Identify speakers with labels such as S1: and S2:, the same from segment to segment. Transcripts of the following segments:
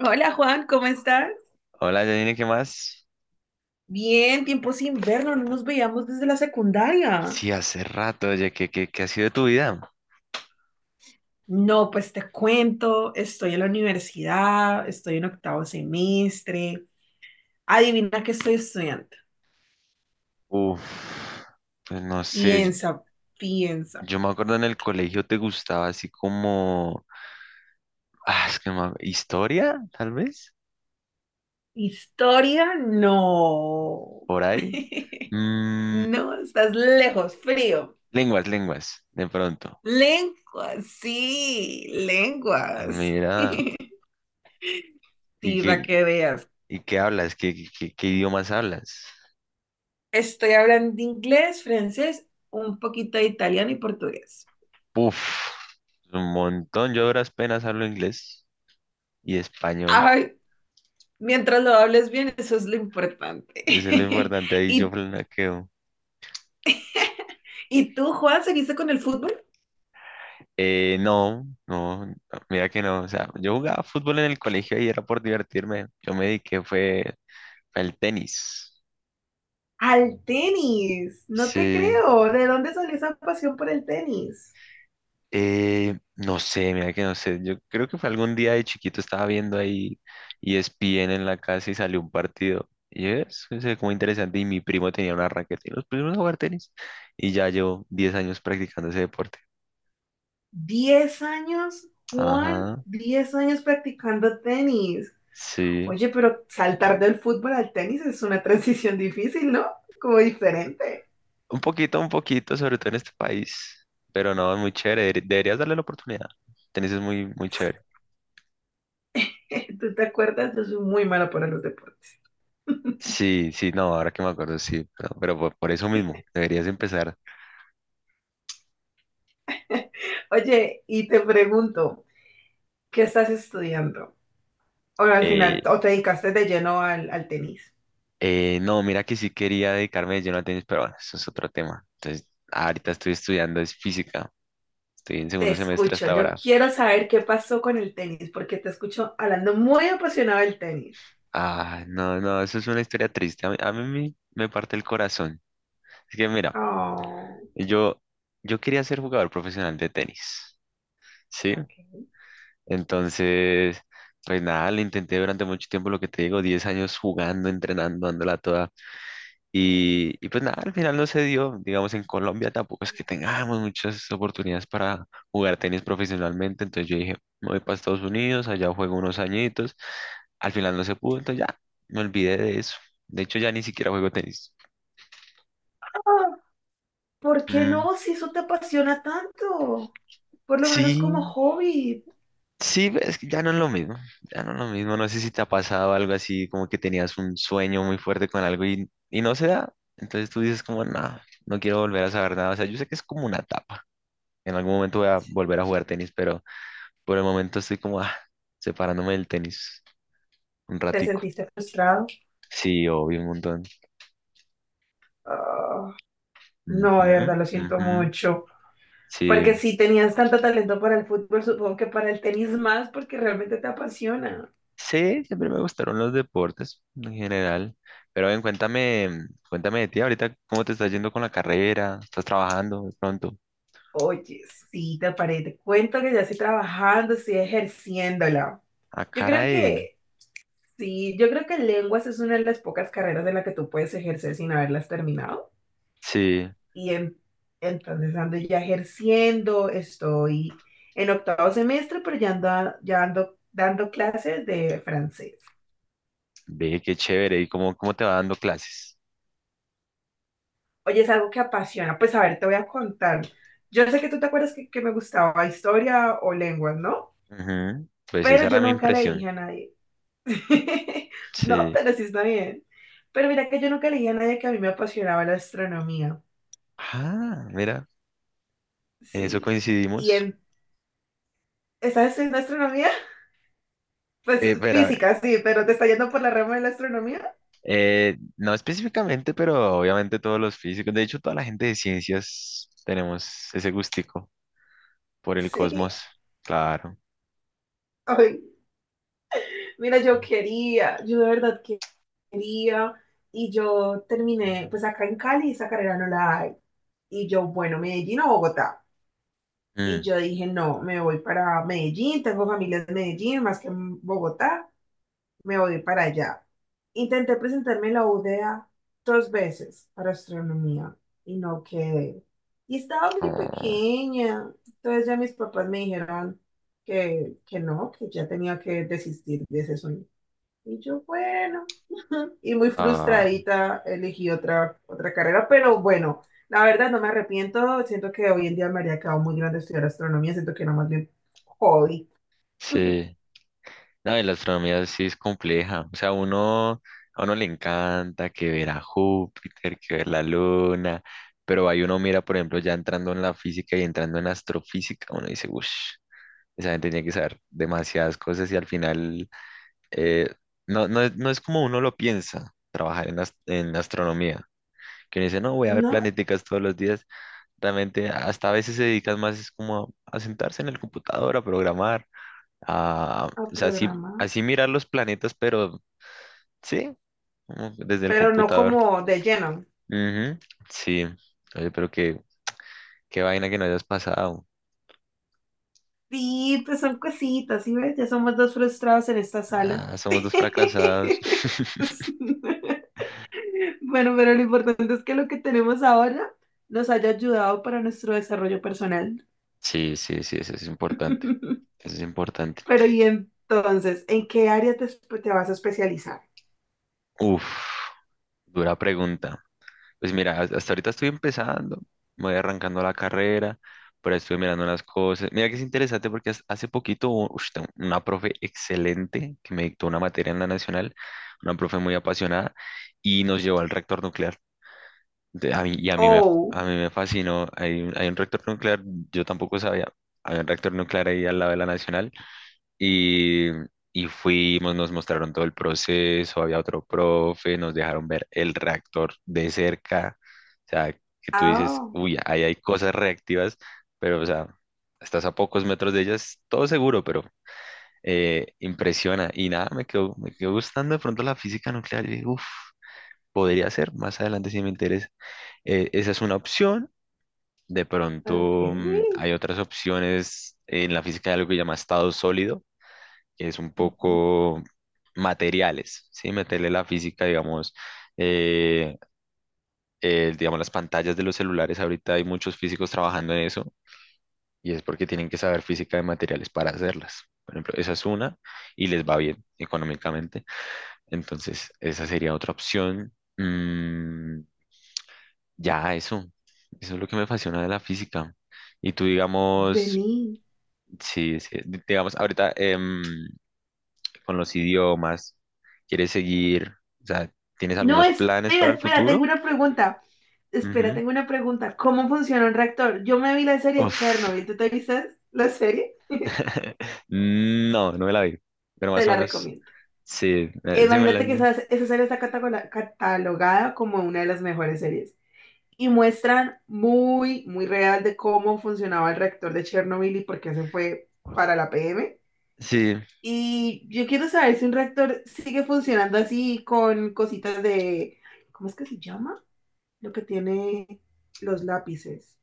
S1: Hola Juan, ¿cómo estás?
S2: Hola, Janine, ¿qué más?
S1: Bien, tiempo sin vernos, no nos veíamos desde la secundaria.
S2: Sí, hace rato, oye, ¿qué ha sido de tu vida?
S1: No, pues te cuento, estoy en la universidad, estoy en octavo semestre. Adivina qué estoy estudiando.
S2: Uf, pues no sé, yo,
S1: Piensa, piensa.
S2: yo me acuerdo en el colegio te gustaba así como, ah, es que no me ac- historia, tal vez,
S1: Historia, no.
S2: por ahí. Mm,
S1: No, estás lejos, frío.
S2: lenguas, de pronto. Ah,
S1: Lenguas.
S2: mira,
S1: Sí,
S2: ¿y
S1: va
S2: qué,
S1: que veas.
S2: y qué hablas? ¿Qué idiomas hablas?
S1: Estoy hablando de inglés, francés, un poquito de italiano y portugués.
S2: Uf, un montón, yo a duras penas hablo inglés y español,
S1: Ay, mientras lo hables bien, eso es lo importante.
S2: eso es lo importante, ahí yo
S1: ¿Y,
S2: flanqueo.
S1: y tú, Juan, ¿seguiste con el fútbol?
S2: No, no, no, mira que no. O sea, yo jugaba fútbol en el colegio y era por divertirme. Yo me dediqué fue al tenis.
S1: Al tenis, no te
S2: Sí.
S1: creo. ¿De dónde salió esa pasión por el tenis?
S2: No sé, mira que no sé. Yo creo que fue algún día de chiquito estaba viendo ahí ESPN en la casa y salió un partido. Y es como interesante. Y mi primo tenía una raqueta y nos pusimos a jugar tenis. Y ya llevo 10 años practicando ese deporte.
S1: 10 años, Juan,
S2: Ajá,
S1: 10 años practicando tenis.
S2: sí.
S1: Oye, pero saltar del fútbol al tenis es una transición difícil, ¿no? Como diferente.
S2: Un poquito, sobre todo en este país. Pero no, es muy chévere. Deberías darle la oportunidad. Tenis es muy, muy chévere.
S1: Tú te acuerdas, yo soy muy mala para los deportes.
S2: Sí, sí, no, ahora que me acuerdo, sí. Pero por eso mismo, deberías empezar.
S1: Oye, y te pregunto, ¿qué estás estudiando? O al final,
S2: Eh,
S1: o te dedicaste de lleno al tenis.
S2: no, mira que sí quería dedicarme de lleno al tenis, pero bueno, eso es otro tema. Entonces, ahorita estoy estudiando, es física. Estoy en
S1: Te
S2: segundo semestre
S1: escucho,
S2: hasta
S1: yo
S2: ahora.
S1: quiero saber qué pasó con el tenis, porque te escucho hablando muy apasionado del tenis.
S2: Ah, no, no, eso es una historia triste. A mí me parte el corazón. Es que mira,
S1: Oh.
S2: yo, yo quería ser jugador profesional de tenis. ¿Sí?
S1: Ok.
S2: Entonces, pues nada, le intenté durante mucho tiempo, lo que te digo, 10 años jugando, entrenando, dándola toda. Y pues nada, al final no se dio. Digamos, en Colombia tampoco es que tengamos muchas oportunidades para jugar tenis profesionalmente. Entonces yo dije, me voy para Estados Unidos, allá juego unos añitos. Al final no se pudo, entonces ya me olvidé de eso. De hecho, ya ni siquiera juego tenis.
S1: Ah, ¿por qué
S2: Mm,
S1: no? Si eso te apasiona tanto, por lo menos como
S2: sí,
S1: hobby.
S2: sí, es que ya no es lo mismo, ya no es lo mismo. No sé si te ha pasado algo así, como que tenías un sueño muy fuerte con algo y no se da. Entonces tú dices como, no, no quiero volver a saber nada. O sea, yo sé que es como una etapa. En algún momento voy a
S1: Sí.
S2: volver a jugar tenis, pero por el momento estoy como, separándome del tenis un
S1: ¿Te
S2: ratico.
S1: sentiste frustrado?
S2: Sí, obvio, un montón.
S1: Ah, no, de
S2: Ujú,
S1: verdad, lo siento
S2: ujú.
S1: mucho.
S2: Sí,
S1: Porque si tenías tanto talento para el fútbol, supongo que para el tenis más, porque realmente te apasiona.
S2: sí, siempre me gustaron los deportes en general. Pero ven, cuéntame, cuéntame de ti ahorita, ¿cómo te estás yendo con la carrera? ¿Estás trabajando de pronto?
S1: Oye, sí, te paré, te cuento que ya estoy trabajando, estoy ejerciéndola.
S2: Ah,
S1: Yo creo
S2: caray.
S1: que, sí, yo creo que lenguas es una de las pocas carreras de la que tú puedes ejercer sin haberlas terminado.
S2: Sí,
S1: Y en- entonces ando ya ejerciendo, estoy en octavo semestre, pero ya ando dando clases de francés.
S2: ve qué chévere. ¿Y cómo te va dando clases?
S1: Oye, es algo que apasiona. Pues a ver, te voy a contar. Yo sé que tú te acuerdas que me gustaba historia o lenguas, ¿no?
S2: Ujú, pues esa
S1: Pero
S2: era
S1: yo
S2: mi
S1: nunca le
S2: impresión.
S1: dije a nadie. No,
S2: Sí.
S1: pero sí está bien. Pero mira que yo nunca le dije a nadie que a mí me apasionaba la astronomía.
S2: Ah, mira, en eso
S1: Sí. ¿Y
S2: coincidimos.
S1: en, estás estudiando astronomía? Pues
S2: Espera,
S1: física, sí, pero te está yendo por la rama de la astronomía.
S2: no específicamente, pero obviamente todos los físicos, de hecho, toda la gente de ciencias tenemos ese gustico por el
S1: Sí.
S2: cosmos. Claro.
S1: Ay, mira, yo quería, yo de verdad quería. Y yo terminé, pues acá en Cali esa carrera no la hay. Y yo, bueno, Medellín o Bogotá. Y
S2: Mm.
S1: yo dije, no, me voy para Medellín, tengo familia en Medellín, más que en Bogotá, me voy para allá. Intenté presentarme en la UdeA dos veces para astronomía y no quedé. Y estaba muy
S2: Oh,
S1: pequeña. Entonces ya mis papás me dijeron que no, que ya tenía que desistir de ese sueño. Y yo, bueno, y muy
S2: ah,
S1: frustradita elegí otra carrera, pero bueno, la verdad no me arrepiento. Siento que hoy en día me habría quedado muy grande estudiar astronomía. Siento que era más bien hobby,
S2: sí. No, y la astronomía sí es compleja. O sea, uno, a uno le encanta que ver a Júpiter, que ver la luna, pero ahí uno mira, por ejemplo, ya entrando en la física y entrando en astrofísica, uno dice, uff, esa gente tiene que saber demasiadas cosas y al final eh, no, no, no es como uno lo piensa trabajar en astronomía. Que uno dice, no, voy a ver
S1: no
S2: planeticas todos los días. Realmente hasta a veces se dedican más es como a sentarse en el computador, a programar. Ah,
S1: a
S2: o sea, así,
S1: programa,
S2: así mirar los planetas, pero sí, como desde el
S1: pero no
S2: computador.
S1: como de lleno.
S2: Ujú, sí. Oye, pero qué vaina que no hayas pasado.
S1: Sí, pues son cositas, ¿sí ves? Ya somos dos frustrados en esta sala.
S2: Ah, somos dos fracasados.
S1: Bueno, pero lo importante es que lo que tenemos ahora nos haya ayudado para nuestro desarrollo personal.
S2: Sí, sí, sí, eso es importante. Eso es importante.
S1: Pero y entonces, ¿en qué área te vas a especializar?
S2: Uf, dura pregunta. Pues mira, hasta ahorita estoy empezando, me voy arrancando la carrera, pero estoy mirando las cosas. Mira que es interesante porque hace poquito tengo una profe excelente que me dictó una materia en la nacional, una profe muy apasionada, y nos llevó al reactor nuclear. De- A mí, y a mí me,
S1: Oh.
S2: a mí me fascinó. Hay un reactor nuclear, yo tampoco sabía, había un reactor nuclear ahí al lado de la nacional. Y, y fuimos, nos mostraron todo el proceso, había otro profe, nos dejaron ver el reactor de cerca. O sea, que tú dices,
S1: Ah,
S2: uy, ahí hay cosas reactivas, pero, o sea, estás a pocos metros de ellas, todo seguro, pero impresiona. Y nada, me quedó gustando de pronto la física nuclear. Y uff, podría ser, más adelante si me interesa. Esa es una opción. De pronto
S1: ok.
S2: hay otras opciones en la física de algo que se llama estado sólido, es un
S1: Ujú.
S2: poco materiales, ¿sí? Meterle la física, digamos, eh, digamos, las pantallas de los celulares, ahorita hay muchos físicos trabajando en eso y es porque tienen que saber física de materiales para hacerlas. Por ejemplo, esa es una y les va bien económicamente. Entonces, esa sería otra opción. Mm, ya, eso. Eso es lo que me apasiona de la física. ¿Y tú, digamos,
S1: Vení.
S2: sí, sí, digamos, ahorita, con los idiomas? ¿Quieres seguir? O sea, ¿tienes
S1: No,
S2: algunos planes
S1: espera,
S2: para el
S1: espera, tengo
S2: futuro?
S1: una pregunta. Espera,
S2: Ujú.
S1: tengo una pregunta. ¿Cómo funciona un reactor? Yo me vi la serie
S2: Uf.
S1: Chernobyl. ¿Tú te viste la serie?
S2: No, no me la vi. Pero
S1: Te
S2: más o
S1: la
S2: menos,
S1: recomiendo.
S2: sí, sí me la...
S1: Imagínate que esa serie está catalogada como una de las mejores series. Y muestran muy, muy real de cómo funcionaba el reactor de Chernobyl y por qué se fue para la PM.
S2: Sí,
S1: Y yo quiero saber si un reactor sigue funcionando así con cositas de... ¿Cómo es que se llama? Lo que tiene los lápices.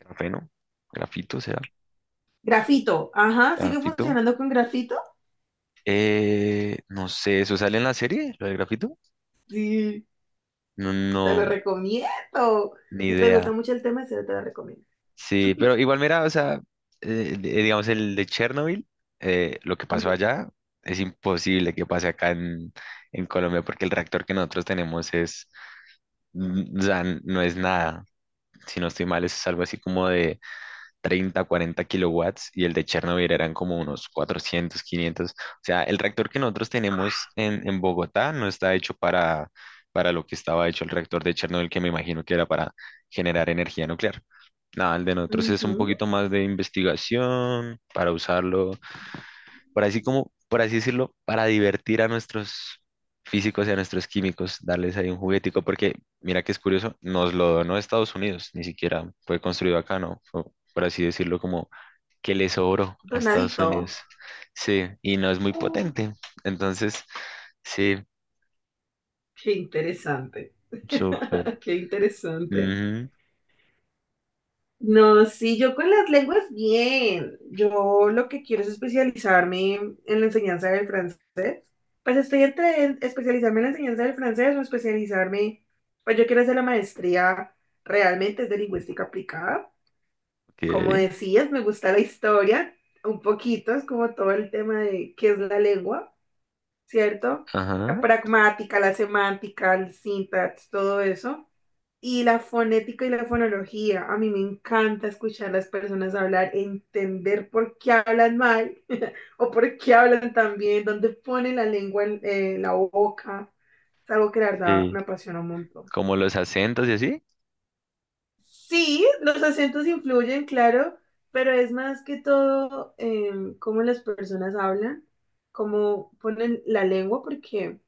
S2: grafeno, grafito será,
S1: Grafito. Ajá, sigue
S2: grafito.
S1: funcionando con grafito.
S2: No sé, ¿eso sale en la serie, lo de grafito?
S1: Sí,
S2: No,
S1: te lo
S2: no,
S1: recomiendo.
S2: ni
S1: Si te gusta
S2: idea.
S1: mucho el tema, sí, te lo recomiendo.
S2: Sí, pero igual mira, o sea, digamos el de Chernobyl, lo que pasó
S1: Ujú.
S2: allá es imposible que pase acá en Colombia porque el reactor que nosotros tenemos es, o sea, no es nada, si no estoy mal, es algo así como 30, 40 kilowatts y el de Chernobyl eran como unos 400, 500. O sea, el reactor que nosotros tenemos
S1: Ah,
S2: en Bogotá no está hecho para lo que estaba hecho el reactor de Chernobyl, que me imagino que era para generar energía nuclear. Nada, el de nosotros es un
S1: ujú.
S2: poquito más de investigación para usarlo por así como, por así decirlo, para divertir a nuestros físicos y a nuestros químicos, darles ahí un juguetico, porque mira que es curioso, nos lo donó Estados Unidos, ni siquiera fue construido acá, ¿no? Fue, por así decirlo, como que le sobró a Estados
S1: Donadito.
S2: Unidos. Sí, y no es muy
S1: Oh,
S2: potente. Entonces, sí,
S1: qué interesante.
S2: súper.
S1: Qué interesante.
S2: Ujú,
S1: No, sí, yo con las lenguas bien. Yo lo que quiero es especializarme en la enseñanza del francés. Pues estoy entre especializarme en la enseñanza del francés o especializarme, pues yo quiero hacer la maestría, realmente es de lingüística aplicada.
S2: ok,
S1: Como decías, me gusta la historia un poquito, es como todo el tema de qué es la lengua, ¿cierto? La
S2: ajá,
S1: pragmática, la semántica, el syntax, todo eso. Y la fonética y la fonología. A mí me encanta escuchar a las personas hablar, entender por qué hablan mal o por qué hablan tan bien, dónde ponen la lengua en la boca. Es algo que la verdad
S2: sí.
S1: me apasiona un montón.
S2: Como los acentos y así.
S1: Sí, los acentos influyen, claro, pero es más que todo cómo las personas hablan, cómo ponen la lengua, porque,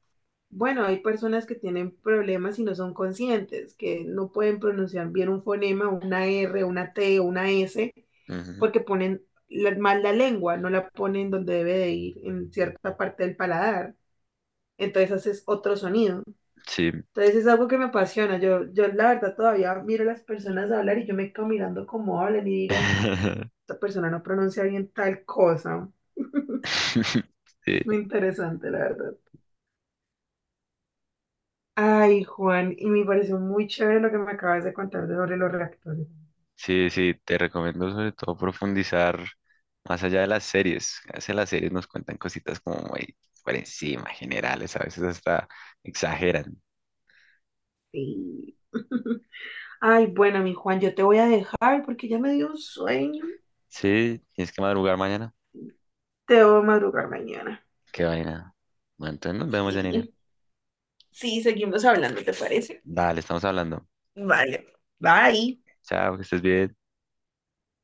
S1: bueno, hay personas que tienen problemas y no son conscientes, que no pueden pronunciar bien un fonema, una R, una T, una S,
S2: Ujú,
S1: porque ponen mal la lengua, no la ponen donde debe de ir, en cierta parte del paladar. Entonces haces otro sonido.
S2: sí.
S1: Entonces es algo que me apasiona. Yo la verdad todavía miro a las personas hablar y yo me quedo mirando cómo hablan y digo, esta persona no pronuncia bien tal cosa. Es
S2: Sí.
S1: muy interesante, la verdad. Ay, Juan, y me pareció muy chévere lo que me acabas de contar de sobre los reactores.
S2: Sí, sí, te recomiendo sobre todo profundizar más allá de las series. A veces las series nos cuentan cositas como muy por encima, generales, a veces hasta exageran.
S1: Sí. Ay, bueno, mi Juan, yo te voy a dejar porque ya me dio un sueño.
S2: Sí, tienes que madrugar mañana.
S1: Te voy a madrugar mañana.
S2: Qué vaina. Bueno, entonces nos vemos, Janine.
S1: Sí, sí, seguimos hablando, ¿te parece?
S2: Dale, estamos hablando.
S1: Vale, bye.
S2: Chao, que estés bien.